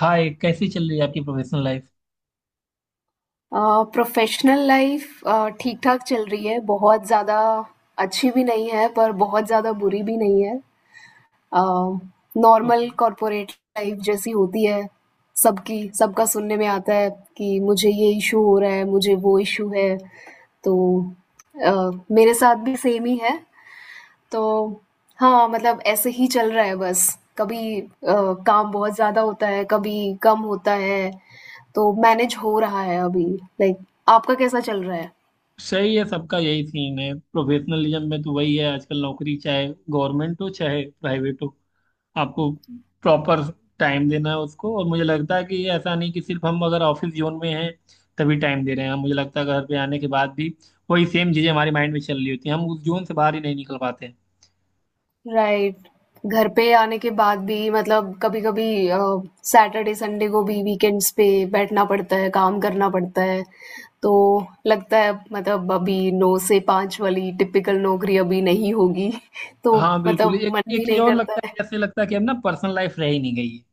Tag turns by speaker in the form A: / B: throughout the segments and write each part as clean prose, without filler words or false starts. A: हाय, कैसी चल रही है आपकी प्रोफेशनल लाइफ?
B: प्रोफेशनल लाइफ ठीक-ठाक चल रही है। बहुत ज़्यादा अच्छी भी नहीं है, पर बहुत ज़्यादा बुरी भी नहीं है। Normal
A: okay.
B: कॉर्पोरेट लाइफ जैसी होती है, सबकी सबका सुनने में आता है कि मुझे ये इश्यू हो रहा है, मुझे वो इश्यू है। तो अ, मेरे साथ भी सेम ही है। तो हाँ, मतलब ऐसे ही चल रहा है बस। कभी काम बहुत ज़्यादा होता है, कभी कम होता है, तो मैनेज हो रहा है अभी। लाइक आपका कैसा चल रहा है?
A: सही है, सबका यही सीन है। प्रोफेशनलिज्म में तो वही है आजकल। नौकरी चाहे गवर्नमेंट हो चाहे प्राइवेट हो, आपको प्रॉपर टाइम देना है उसको। और मुझे लगता है कि ये ऐसा नहीं कि सिर्फ हम अगर ऑफिस जोन में हैं तभी टाइम दे रहे हैं। मुझे लगता है घर पे आने के बाद भी वही सेम चीज़ें हमारे माइंड में चल रही होती हैं, हम उस जोन से बाहर ही नहीं निकल पाते हैं।
B: राइट। घर पे आने के बाद भी मतलब कभी-कभी सैटरडे संडे को भी वीकेंड्स पे बैठना पड़ता है, काम करना पड़ता है। तो लगता है मतलब अभी 9 से 5 वाली टिपिकल नौकरी अभी नहीं होगी। तो
A: हाँ, बिल्कुल।
B: मतलब
A: एक
B: मन
A: एक
B: भी
A: चीज़
B: नहीं
A: और
B: करता
A: लगता है,
B: है।
A: जैसे लगता है कि अब ना पर्सनल लाइफ रह ही नहीं गई है।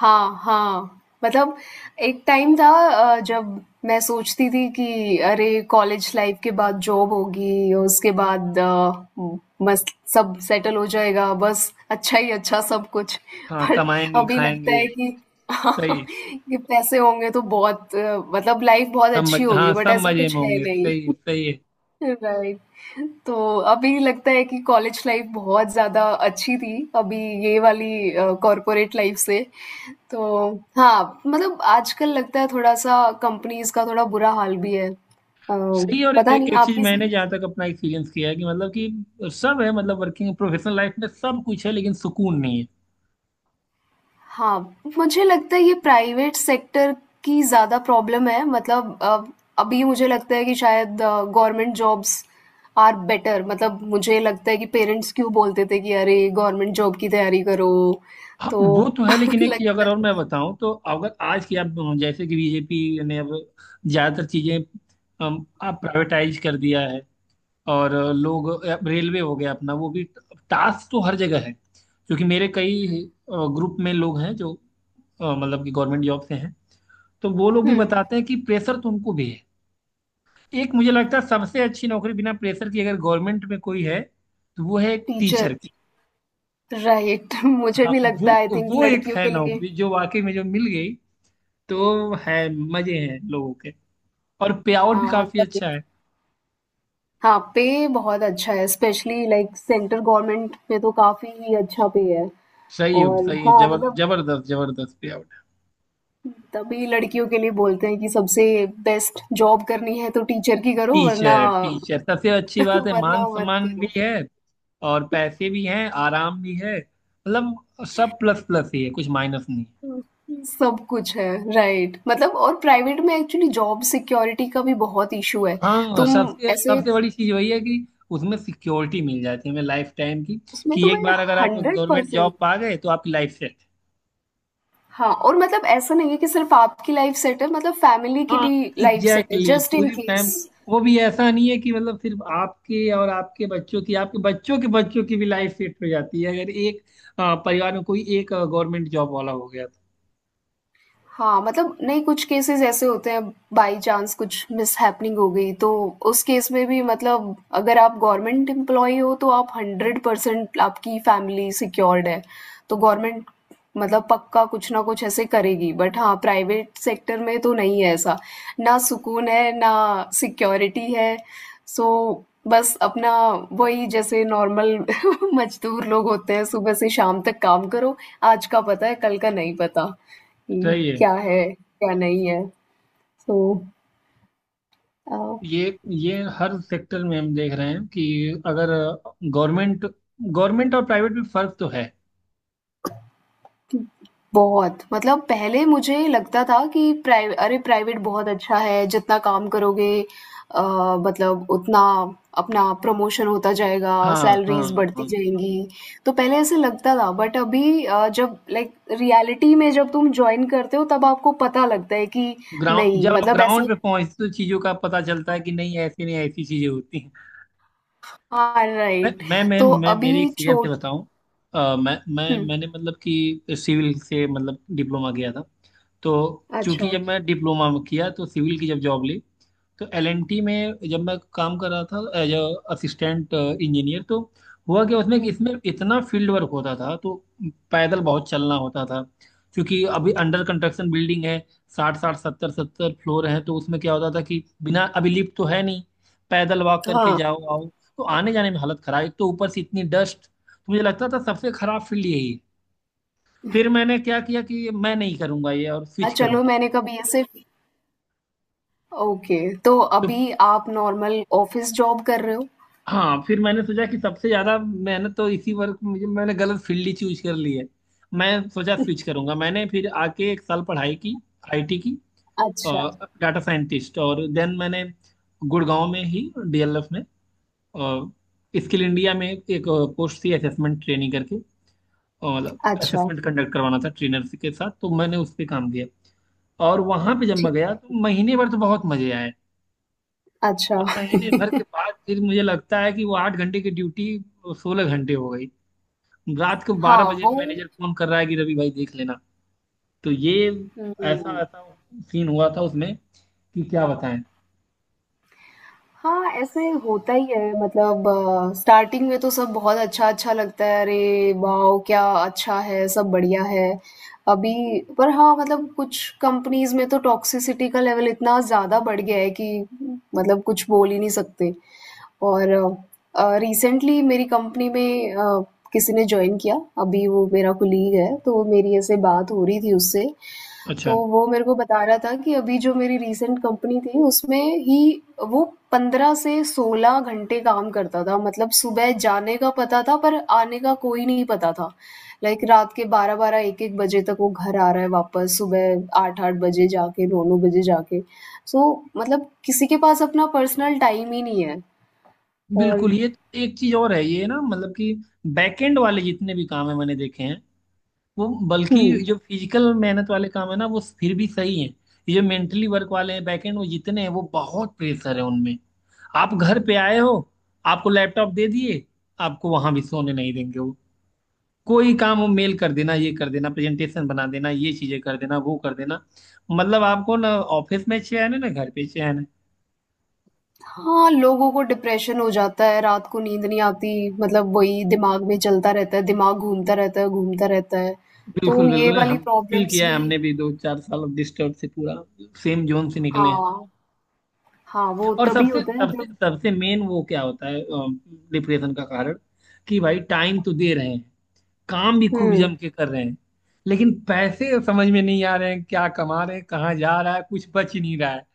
B: हाँ, हाँ। मतलब एक टाइम था जब मैं सोचती थी कि अरे कॉलेज लाइफ के बाद जॉब होगी, उसके बाद म मस्त सब सेटल हो जाएगा, बस अच्छा ही अच्छा सब कुछ।
A: हाँ,
B: पर
A: कमाएंगे
B: अभी लगता
A: खाएंगे।
B: है कि
A: सही।
B: कि पैसे होंगे तो बहुत मतलब लाइफ बहुत
A: सब
B: अच्छी
A: मज
B: होगी
A: हाँ,
B: बट
A: सब
B: ऐसा
A: मजे में
B: कुछ है
A: होंगे। सही है,
B: नहीं।
A: सही है।
B: राइट। तो अभी लगता है कि कॉलेज लाइफ बहुत ज़्यादा अच्छी थी, अभी ये वाली कॉर्पोरेट लाइफ से। तो हाँ, मतलब आजकल लगता है थोड़ा-सा कंपनीज़ का थोड़ा बुरा हाल भी है।
A: सही है। और
B: पता
A: एक
B: नहीं
A: एक चीज
B: आपके साथ।
A: मैंने जहाँ तक अपना एक्सपीरियंस किया है कि मतलब कि सब है, मतलब वर्किंग प्रोफेशनल लाइफ में सब कुछ है लेकिन सुकून नहीं है।
B: हाँ, मुझे लगता है ये प्राइवेट सेक्टर की ज़्यादा प्रॉब्लम है मतलब अभी मुझे लगता है कि शायद गवर्नमेंट जॉब्स आर बेटर मतलब मुझे लगता है कि पेरेंट्स क्यों बोलते थे कि अरे गवर्नमेंट जॉब की तैयारी करो।
A: हाँ,
B: तो
A: वो तो है। लेकिन एक चीज
B: लगता
A: अगर
B: है।
A: और मैं बताऊं, तो अगर आज की आप, जैसे कि BJP ने अब ज्यादातर चीजें आप प्राइवेटाइज कर दिया है, और लोग, अब रेलवे हो गया अपना, वो भी टास्क तो हर जगह है, क्योंकि मेरे कई ग्रुप में लोग हैं जो मतलब कि गवर्नमेंट जॉब से हैं, तो वो लोग भी
B: हम्म।
A: बताते हैं कि प्रेशर तो उनको भी है। एक मुझे लगता है सबसे अच्छी नौकरी बिना प्रेशर की अगर गवर्नमेंट में कोई है, तो वो है एक
B: टीचर
A: टीचर की।
B: राइट। मुझे
A: हाँ।
B: भी
A: वो
B: लगता है आई थिंक
A: वो एक
B: लड़कियों
A: है
B: के लिए।
A: नौकरी जो वाकई में, जो मिल गई तो है, मजे हैं लोगों के, और पे आउट भी
B: हाँ
A: काफी
B: तभी,
A: अच्छा है।
B: हाँ पे बहुत अच्छा है स्पेशली लाइक सेंट्रल गवर्नमेंट में तो काफी ही अच्छा पे है।
A: सही,
B: और
A: सही है।
B: हाँ, मतलब
A: जबरदस्त जबरदस्त पे आउट।
B: तभी लड़कियों के लिए बोलते हैं कि सबसे बेस्ट जॉब करनी है तो टीचर की करो वरना
A: टीचर टीचर सबसे अच्छी बात है,
B: वरना
A: मान
B: मत
A: सम्मान भी
B: करो।
A: है और पैसे भी हैं, आराम भी है। मतलब सब प्लस प्लस ही है, कुछ माइनस नहीं।
B: सब कुछ है, राइट मतलब और प्राइवेट में एक्चुअली जॉब सिक्योरिटी का भी बहुत इशू है।
A: हाँ।
B: तुम
A: सबसे
B: ऐसे
A: सबसे बड़ी चीज वही है कि उसमें सिक्योरिटी मिल जाती है हमें लाइफ टाइम की,
B: उसमें
A: कि एक
B: तुम्हें
A: बार अगर आप गवर्नमेंट
B: 100%।
A: जॉब पा गए तो आपकी लाइफ सेट है।
B: हाँ और मतलब ऐसा नहीं है कि सिर्फ आपकी लाइफ सेट है मतलब फैमिली की
A: हाँ।
B: भी लाइफ सेट है
A: एग्जैक्टली,
B: जस्ट इन
A: पूरी
B: केस।
A: फैम वो भी ऐसा नहीं है कि मतलब सिर्फ आपके और आपके बच्चों की, आपके बच्चों के बच्चों की भी लाइफ सेट हो जाती है अगर एक परिवार में कोई एक गवर्नमेंट जॉब वाला हो गया तो।
B: हाँ, मतलब नहीं कुछ केसेस ऐसे होते हैं बाई चांस कुछ मिसहैपनिंग हो गई तो उस केस में भी मतलब अगर आप गवर्नमेंट एम्प्लॉई हो तो आप 100% आपकी फैमिली सिक्योर्ड है तो गवर्नमेंट मतलब पक्का कुछ ना कुछ ऐसे करेगी बट हाँ प्राइवेट सेक्टर में तो नहीं है ऐसा। ना सुकून है ना सिक्योरिटी है सो बस अपना वही जैसे नॉर्मल मजदूर लोग होते हैं सुबह से शाम तक काम करो। आज का पता है कल का नहीं पता कि
A: सही है।
B: क्या है, क्या नहीं है। सो अ,
A: ये हर सेक्टर में हम देख रहे हैं कि अगर गवर्नमेंट, और प्राइवेट में फर्क तो है।
B: बहुत मतलब पहले मुझे लगता था कि प्राइ अरे! प्राइवेट बहुत अच्छा है, जितना काम करोगे अ, मतलब उतना अपना प्रमोशन होता जाएगा,
A: हाँ, हाँ,
B: सैलरीज़ बढ़ती
A: हाँ।
B: जाएँगी। तो पहले ऐसे लगता था बट अभी जब लाइक रियलिटी में जब तुम जॉइन करते हो तब आपको पता लगता है कि
A: ग्राउंड
B: नहीं
A: जब आप
B: मतलब
A: ग्राउंड
B: ऐसे।
A: पे पहुंचते हो, तो चीजों का पता चलता है कि नहीं ऐसी, चीजें होती हैं।
B: हाँ,
A: मैं
B: राइट।
A: मैं मैं,
B: तो
A: मैं मेरे
B: अभी
A: एक्सपीरियंस
B: छो
A: से बताऊं। अ, मैं मैं
B: हुँ,
A: मैंने मतलब कि सिविल से, मतलब डिप्लोमा किया था। तो चूंकि
B: अच्छा।
A: जब मैं डिप्लोमा में किया तो सिविल की जब जॉब ली, तो LNT में जब मैं काम कर रहा था एज असिस्टेंट इंजीनियर, तो हुआ क्या उसमें कि
B: हुँ,
A: इसमें इतना फील्ड वर्क होता था तो पैदल बहुत चलना होता था, क्योंकि अभी अंडर कंस्ट्रक्शन बिल्डिंग है, साठ साठ सत्तर सत्तर फ्लोर है, तो उसमें क्या होता था कि बिना, अभी लिफ्ट तो है नहीं, पैदल वॉक करके
B: हाँ।
A: जाओ आओ, तो आने जाने में हालत खराब, एक तो ऊपर से इतनी डस्ट, तो मुझे लगता था सबसे खराब फील्ड यही है। फिर मैंने क्या किया कि मैं नहीं करूंगा ये, और
B: हाँ,
A: स्विच करूँ।
B: चलो मैंने कभी ऐसे। ओके, तो
A: तो
B: अभी आप नॉर्मल ऑफिस जॉब कर रहे हो?
A: हाँ, फिर मैंने सोचा कि सबसे ज्यादा मेहनत तो इसी वर्क में, मुझे, मैंने गलत फील्ड ही चूज कर ली है। मैं सोचा स्विच करूंगा। मैंने फिर आके एक साल पढ़ाई की IT की,
B: अच्छा,
A: डाटा साइंटिस्ट, और देन मैंने गुड़गांव में ही DLF में, स्किल इंडिया में एक पोस्ट थी असेसमेंट ट्रेनिंग करके, और मतलब
B: अच्छा,
A: असेसमेंट कंडक्ट करवाना था ट्रेनर के साथ, तो मैंने उस पर काम किया। और वहां पे जब
B: ठीक,
A: मैं गया तो महीने भर तो बहुत मजे आए,
B: अच्छा।
A: और महीने भर के बाद फिर मुझे लगता है कि वो 8 घंटे की ड्यूटी 16 घंटे हो गई, रात को बारह
B: हाँ,
A: बजे
B: वो
A: मैनेजर फोन कर रहा है कि रवि भाई देख लेना। तो ये ऐसा
B: हुँ।
A: ऐसा सीन हुआ था उसमें, कि क्या बताएं।
B: हाँ, ऐसे होता ही है मतलब स्टार्टिंग में तो सब बहुत अच्छा-अच्छा लगता है अरे वाओ! क्या अच्छा है, सब बढ़िया है। अभी पर हाँ, मतलब कुछ कंपनीज़ में तो टॉक्सिसिटी का लेवल इतना ज़्यादा बढ़ गया है कि मतलब कुछ बोल ही नहीं सकते। और रिसेंटली मेरी कंपनी में किसी ने जॉइन किया, अभी वो मेरा कोलीग है, तो मेरी ऐसे बात हो रही थी उससे।
A: अच्छा।
B: तो वो मेरे को बता रहा था कि अभी जो मेरी रीसेंट कंपनी थी, उसमें ही वो 15 से 16 घंटे काम करता था। मतलब सुबह जाने का पता था, पर आने का कोई नहीं पता था। लाइक रात के 12-12, 1-1 बजे तक वो घर आ रहा है वापस, सुबह 8-8 बजे जाके, 9-9 बजे जाके। सो मतलब किसी के पास अपना पर्सनल टाइम ही नहीं है और
A: बिल्कुल। ये तो एक चीज और है, ये ना मतलब कि बैकएंड वाले जितने भी काम है मैंने देखे हैं, वो,
B: हुँ।
A: बल्कि जो फिजिकल मेहनत वाले काम है ना, वो फिर भी सही है। ये जो मेंटली वर्क वाले हैं बैकएंड, वो जितने हैं, वो बहुत प्रेशर है उनमें। आप घर पे आए हो, आपको लैपटॉप दे दिए, आपको वहां भी सोने नहीं देंगे वो, कोई काम, वो मेल कर देना, ये कर देना, प्रेजेंटेशन बना देना, ये चीजें कर देना, वो कर देना। मतलब आपको ना ऑफिस में चैन है ना घर पे चैन है।
B: हाँ, लोगों को डिप्रेशन हो जाता है, रात को नींद नहीं आती, मतलब वही दिमाग में चलता रहता है, दिमाग घूमता रहता है, घूमता रहता है।
A: बिल्कुल,
B: तो ये
A: बिल्कुल।
B: वाली
A: हम फील
B: प्रॉब्लम्स
A: किया है
B: भी।
A: हमने भी, 2-4 साल अब डिस्टर्ब से पूरा सेम जोन से निकले हैं।
B: हाँ, हाँ, वो
A: और
B: तभी
A: सबसे
B: होता है
A: सबसे
B: जब।
A: सबसे मेन वो क्या होता है डिप्रेशन का कारण, कि भाई टाइम तो दे रहे हैं, काम भी खूब
B: हुँ,
A: जम के कर रहे हैं, लेकिन पैसे समझ में नहीं आ रहे हैं, क्या कमा रहे हैं, कहाँ जा रहा है, कुछ बच ही नहीं रहा है,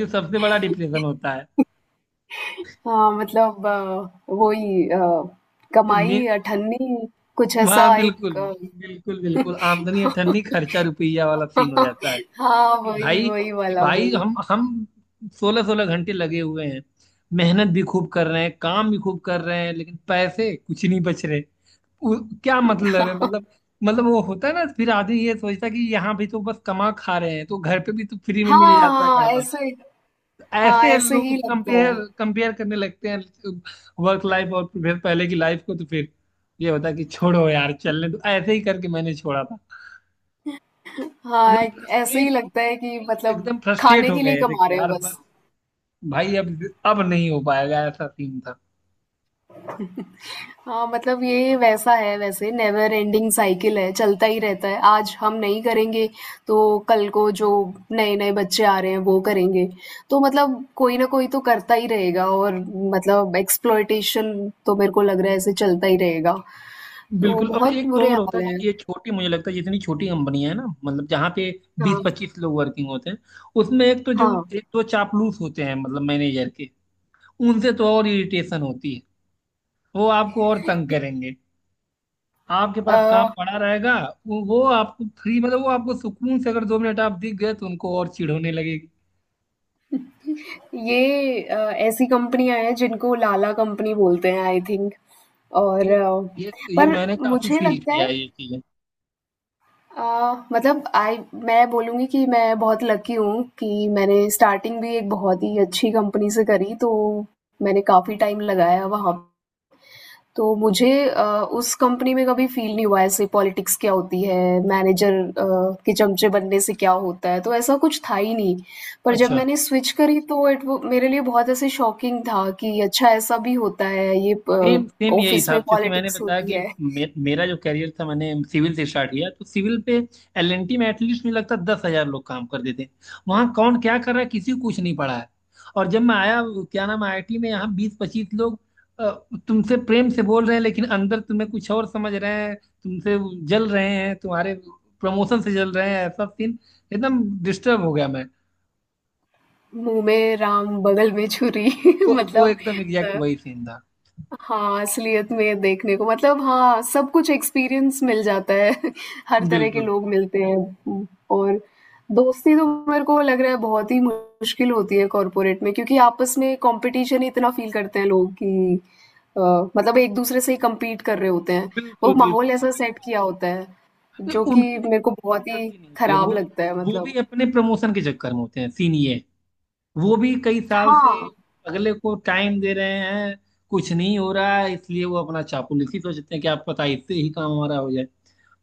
A: जो सबसे बड़ा डिप्रेशन होता है।
B: हाँ, मतलब वही
A: मे
B: कमाई, अठन्नी, कुछ
A: वहाँ,
B: ऐसा
A: बिल्कुल,
B: एक
A: बिल्कुल, बिल्कुल, आमदनी अठन्नी खर्चा रुपया वाला सीन हो जाता है,
B: हाँ,
A: कि
B: वही,
A: भाई,
B: वही वाला, वही।
A: हम 16-16 घंटे लगे हुए हैं, मेहनत भी खूब कर रहे हैं, काम भी खूब कर रहे हैं, लेकिन पैसे कुछ नहीं बच रहे। क्या मतलब है? मतलब, वो होता है ना, फिर आदमी ये सोचता है कि यहाँ भी तो बस कमा खा रहे हैं, तो घर पे भी तो फ्री में
B: हाँ,
A: मिल जाता है
B: हाँ,
A: खाना।
B: ऐसे। हाँ,
A: ऐसे
B: ऐसे
A: लोग
B: ही लगता
A: कंपेयर
B: है।
A: कंपेयर करने लगते हैं वर्क लाइफ और फिर पहले की लाइफ को, तो फिर ये होता है कि छोड़ो यार, चलने, तो ऐसे ही करके मैंने छोड़ा था।
B: हाँ,
A: एकदम
B: ऐसे ही
A: फ्रस्ट्रेट।
B: लगता है कि मतलब खाने
A: हो
B: के लिए
A: गए थे
B: कमा
A: कि
B: रहे हैं
A: यार बस,
B: बस।
A: भाई अब, नहीं हो पाएगा, ऐसा सीन था।
B: हाँ, मतलब ये वैसा है वैसे नेवर एंडिंग साइकिल है, चलता ही रहता है। आज हम नहीं करेंगे, तो कल को जो नए-नए बच्चे आ रहे हैं वो करेंगे। तो मतलब कोई ना कोई तो करता ही रहेगा और मतलब एक्सप्लॉयटेशन तो मेरे को लग रहा है ऐसे चलता ही रहेगा। तो
A: बिल्कुल। और
B: बहुत
A: एक तो
B: बुरे
A: और होता
B: हाल
A: है जो,
B: हैं।
A: ये छोटी मुझे लगता है जितनी छोटी कंपनियां है ना, मतलब जहाँ पे बीस
B: हाँ,
A: पच्चीस लोग वर्किंग होते हैं, उसमें एक तो जो,
B: हाँ।
A: एक तो चापलूस होते हैं, मतलब मैनेजर के। उनसे तो और इरिटेशन होती है, वो आपको और तंग करेंगे, आपके
B: अ,
A: पास काम पड़ा रहेगा। वो आपको फ्री मतलब वो आपको सुकून से, अगर 2 मिनट आप दिख गए तो उनको और चिढ़ होने लगेगी।
B: ये ऐसी कंपनियाँ हैं जिनको लाला कंपनी बोलते हैं आई थिंक। और
A: ये ये ये
B: पर
A: मैंने काफी
B: मुझे
A: फील
B: लगता
A: किया
B: है
A: है, ये चीजें।
B: मतलब आई मैं बोलूँगी कि मैं बहुत लकी हूँ कि मैंने स्टार्टिंग भी एक बहुत ही अच्छी कंपनी से करी, तो मैंने काफ़ी टाइम लगाया वहाँ। तो मुझे उस कंपनी में कभी फ़ील नहीं हुआ ऐसे पॉलिटिक्स क्या होती है, मैनेजर के चमचे बनने से क्या होता है, तो ऐसा कुछ था ही नहीं। पर जब
A: अच्छा।
B: मैंने स्विच करी तो इट वो मेरे लिए बहुत ऐसे शॉकिंग था कि अच्छा ऐसा भी होता है, ये प
A: सेम सेम यही
B: ऑफ़िस
A: था।
B: में
A: अब चूंकि मैंने
B: पॉलिटिक्स
A: बताया
B: होती
A: कि
B: है।
A: मेरा जो करियर था, मैंने सिविल से स्टार्ट किया, तो सिविल पे LNT में एटलीस्ट मुझे लगता है 10,000 लोग काम करते थे, वहाँ कौन क्या कर रहा है किसी को कुछ नहीं पड़ा है। और जब मैं आया, क्या नाम, IIT में, यहाँ 20-25 लोग अ, तुमसे प्रेम से बोल रहे हैं लेकिन अंदर तुम्हें कुछ और समझ रहे हैं, तुमसे जल रहे हैं, तुम्हारे प्रमोशन से जल रहे हैं, ऐसा सीन। एकदम डिस्टर्ब हो गया मैं।
B: मुँह में राम, बगल में छुरी।
A: वो
B: मतलब
A: एकदम एग्जैक्ट
B: अ
A: वही सीन था।
B: हाँ, असलियत में देखने को मतलब हाँ, सब कुछ एक्सपीरियंस मिल जाता है। हर तरह के
A: बिल्कुल,
B: लोग मिलते हैं और दोस्ती तो मेरे को लग रहा है बहुत ही मुश्किल होती है कॉर्पोरेट में क्योंकि आपस में कॉम्पिटिशन ही इतना फ़ील करते हैं लोग कि अ, मतलब एक-दूसरे से ही कम्पीट कर रहे होते हैं। वो
A: बिल्कुल, बिल्कुल,
B: माहौल ऐसा
A: बिल्कुल,
B: सेट किया
A: बिल्कुल।
B: होता है, जो
A: तो
B: कि
A: उनकी भी
B: मेरे को
A: उनकी भी
B: बहुत ही
A: गलती नहीं होती है,
B: खराब
A: वो ना,
B: लगता है
A: वो भी
B: मतलब।
A: अपने प्रमोशन के चक्कर में होते हैं, सीन ये है। वो भी कई साल से
B: हाँ।
A: अगले को टाइम दे रहे हैं, कुछ नहीं हो रहा है, इसलिए वो अपना चापलूसी ही सोचते हैं कि आप पता है, इससे ही काम हमारा हो जाए,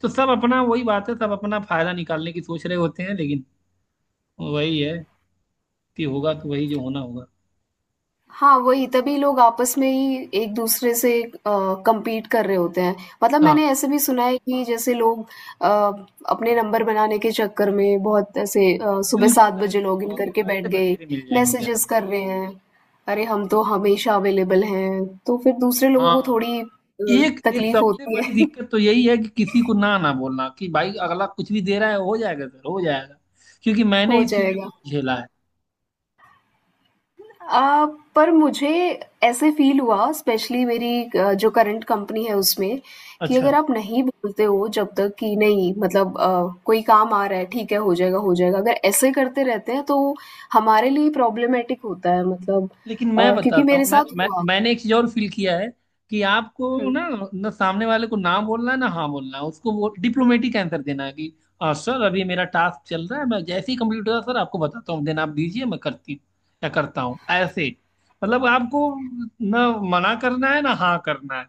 A: तो सब अपना वही बात है, सब अपना फायदा निकालने की सोच रहे होते हैं, लेकिन वही है कि होगा तो वही जो होना होगा।
B: हाँ, वही तभी लोग आपस में ही एक-दूसरे से कम्पीट कर रहे होते हैं। मतलब
A: हाँ,
B: मैंने ऐसे भी सुना है कि जैसे लोग अ, अपने नंबर बनाने के चक्कर में बहुत ऐसे सुबह 7
A: बिल्कुल।
B: बजे
A: ऐसे तो
B: लॉगिन
A: बहुत
B: करके
A: लोग
B: बैठ
A: ऐसे
B: गए,
A: बतेरे मिल जाएंगे, क्या
B: मैसेजेस
A: नाम।
B: कर रहे हैं, "अरे हम तो हमेशा अवेलेबल हैं।" तो फिर दूसरे लोगों को
A: हाँ।
B: थोड़ी
A: एक एक
B: तकलीफ
A: सबसे
B: होती है,
A: बड़ी दिक्कत तो यही है कि किसी को ना, ना बोलना, कि भाई अगला कुछ भी दे रहा है हो जाएगा सर, हो जाएगा, क्योंकि मैंने
B: हो
A: इस चीज में
B: जाएगा।
A: बहुत झेला है।
B: अ, पर मुझे ऐसे फ़ील हुआ स्पेशली मेरी जो करंट कंपनी है उसमें कि अगर
A: अच्छा।
B: आप नहीं बोलते हो जब तक कि नहीं मतलब कोई काम आ रहा है ठीक है हो जाएगा अगर ऐसे करते रहते हैं तो हमारे लिए प्रॉब्लमेटिक होता है मतलब
A: लेकिन मैं
B: क्योंकि
A: बताता
B: मेरे
A: हूँ, मैं,
B: साथ
A: मैं
B: हुआ।
A: मैंने एक चीज और फील किया है कि आपको
B: हुँ।
A: ना, ना सामने वाले को ना बोलना है, ना हाँ बोलना है। उसको वो डिप्लोमेटिक आंसर देना है कि "सर अभी मेरा टास्क चल रहा है, मैं जैसे ही कंप्लीट होगा सर आपको बताता हूँ, देन आप दीजिए मैं करती हूँ या करता हूँ", ऐसे। मतलब आपको ना मना करना है ना हाँ करना है,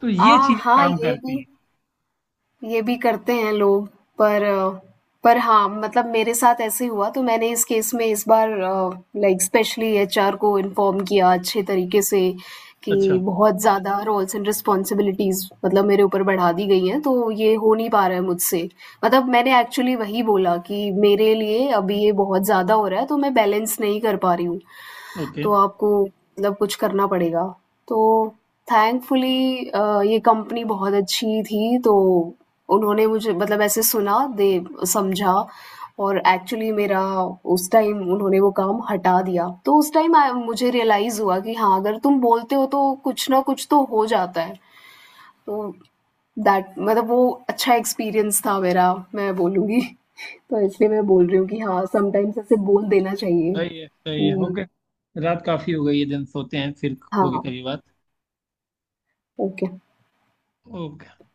A: तो
B: आ
A: ये चीजें
B: हाँ,
A: काम
B: ये
A: करती
B: भी
A: हैं।
B: ये भी करते हैं लोग। पर पर हाँ, मतलब मेरे साथ ऐसे ही हुआ तो मैंने इस केस में इस बार लाइक स्पेशली एचआर को इन्फॉर्म किया अच्छे तरीके से कि
A: अच्छा।
B: बहुत ज़्यादा रोल्स एंड रिस्पॉन्सिबिलिटीज़ मतलब मेरे ऊपर बढ़ा दी गई हैं तो ये हो नहीं पा रहा है मुझसे। मतलब मैंने एक्चुअली वही बोला कि मेरे लिए अभी ये बहुत ज़्यादा हो रहा है तो मैं बैलेंस नहीं कर पा रही हूँ,
A: ओके।
B: तो आपको मतलब कुछ करना पड़ेगा। तो थैंकफुली ये कंपनी बहुत अच्छी थी तो उन्होंने मुझे मतलब ऐसे सुना, दे समझा और एक्चुअली मेरा उस टाइम उन्होंने वो काम हटा दिया। तो उस टाइम आई मुझे रियलाइज़ हुआ कि हाँ, अगर तुम बोलते हो तो कुछ ना कुछ तो हो जाता है। तो दैट मतलब वो अच्छा एक्सपीरियंस था मेरा, मैं बोलूँगी। तो इसलिए मैं बोल रही हूँ कि हाँ, समटाइम्स ऐसे बोल देना चाहिए
A: सही है, सही है।
B: कि
A: ओके, रात काफी हो गई है, दिन सोते हैं, फिर होगी
B: हाँ,
A: कभी बात।
B: ओके।
A: ओके।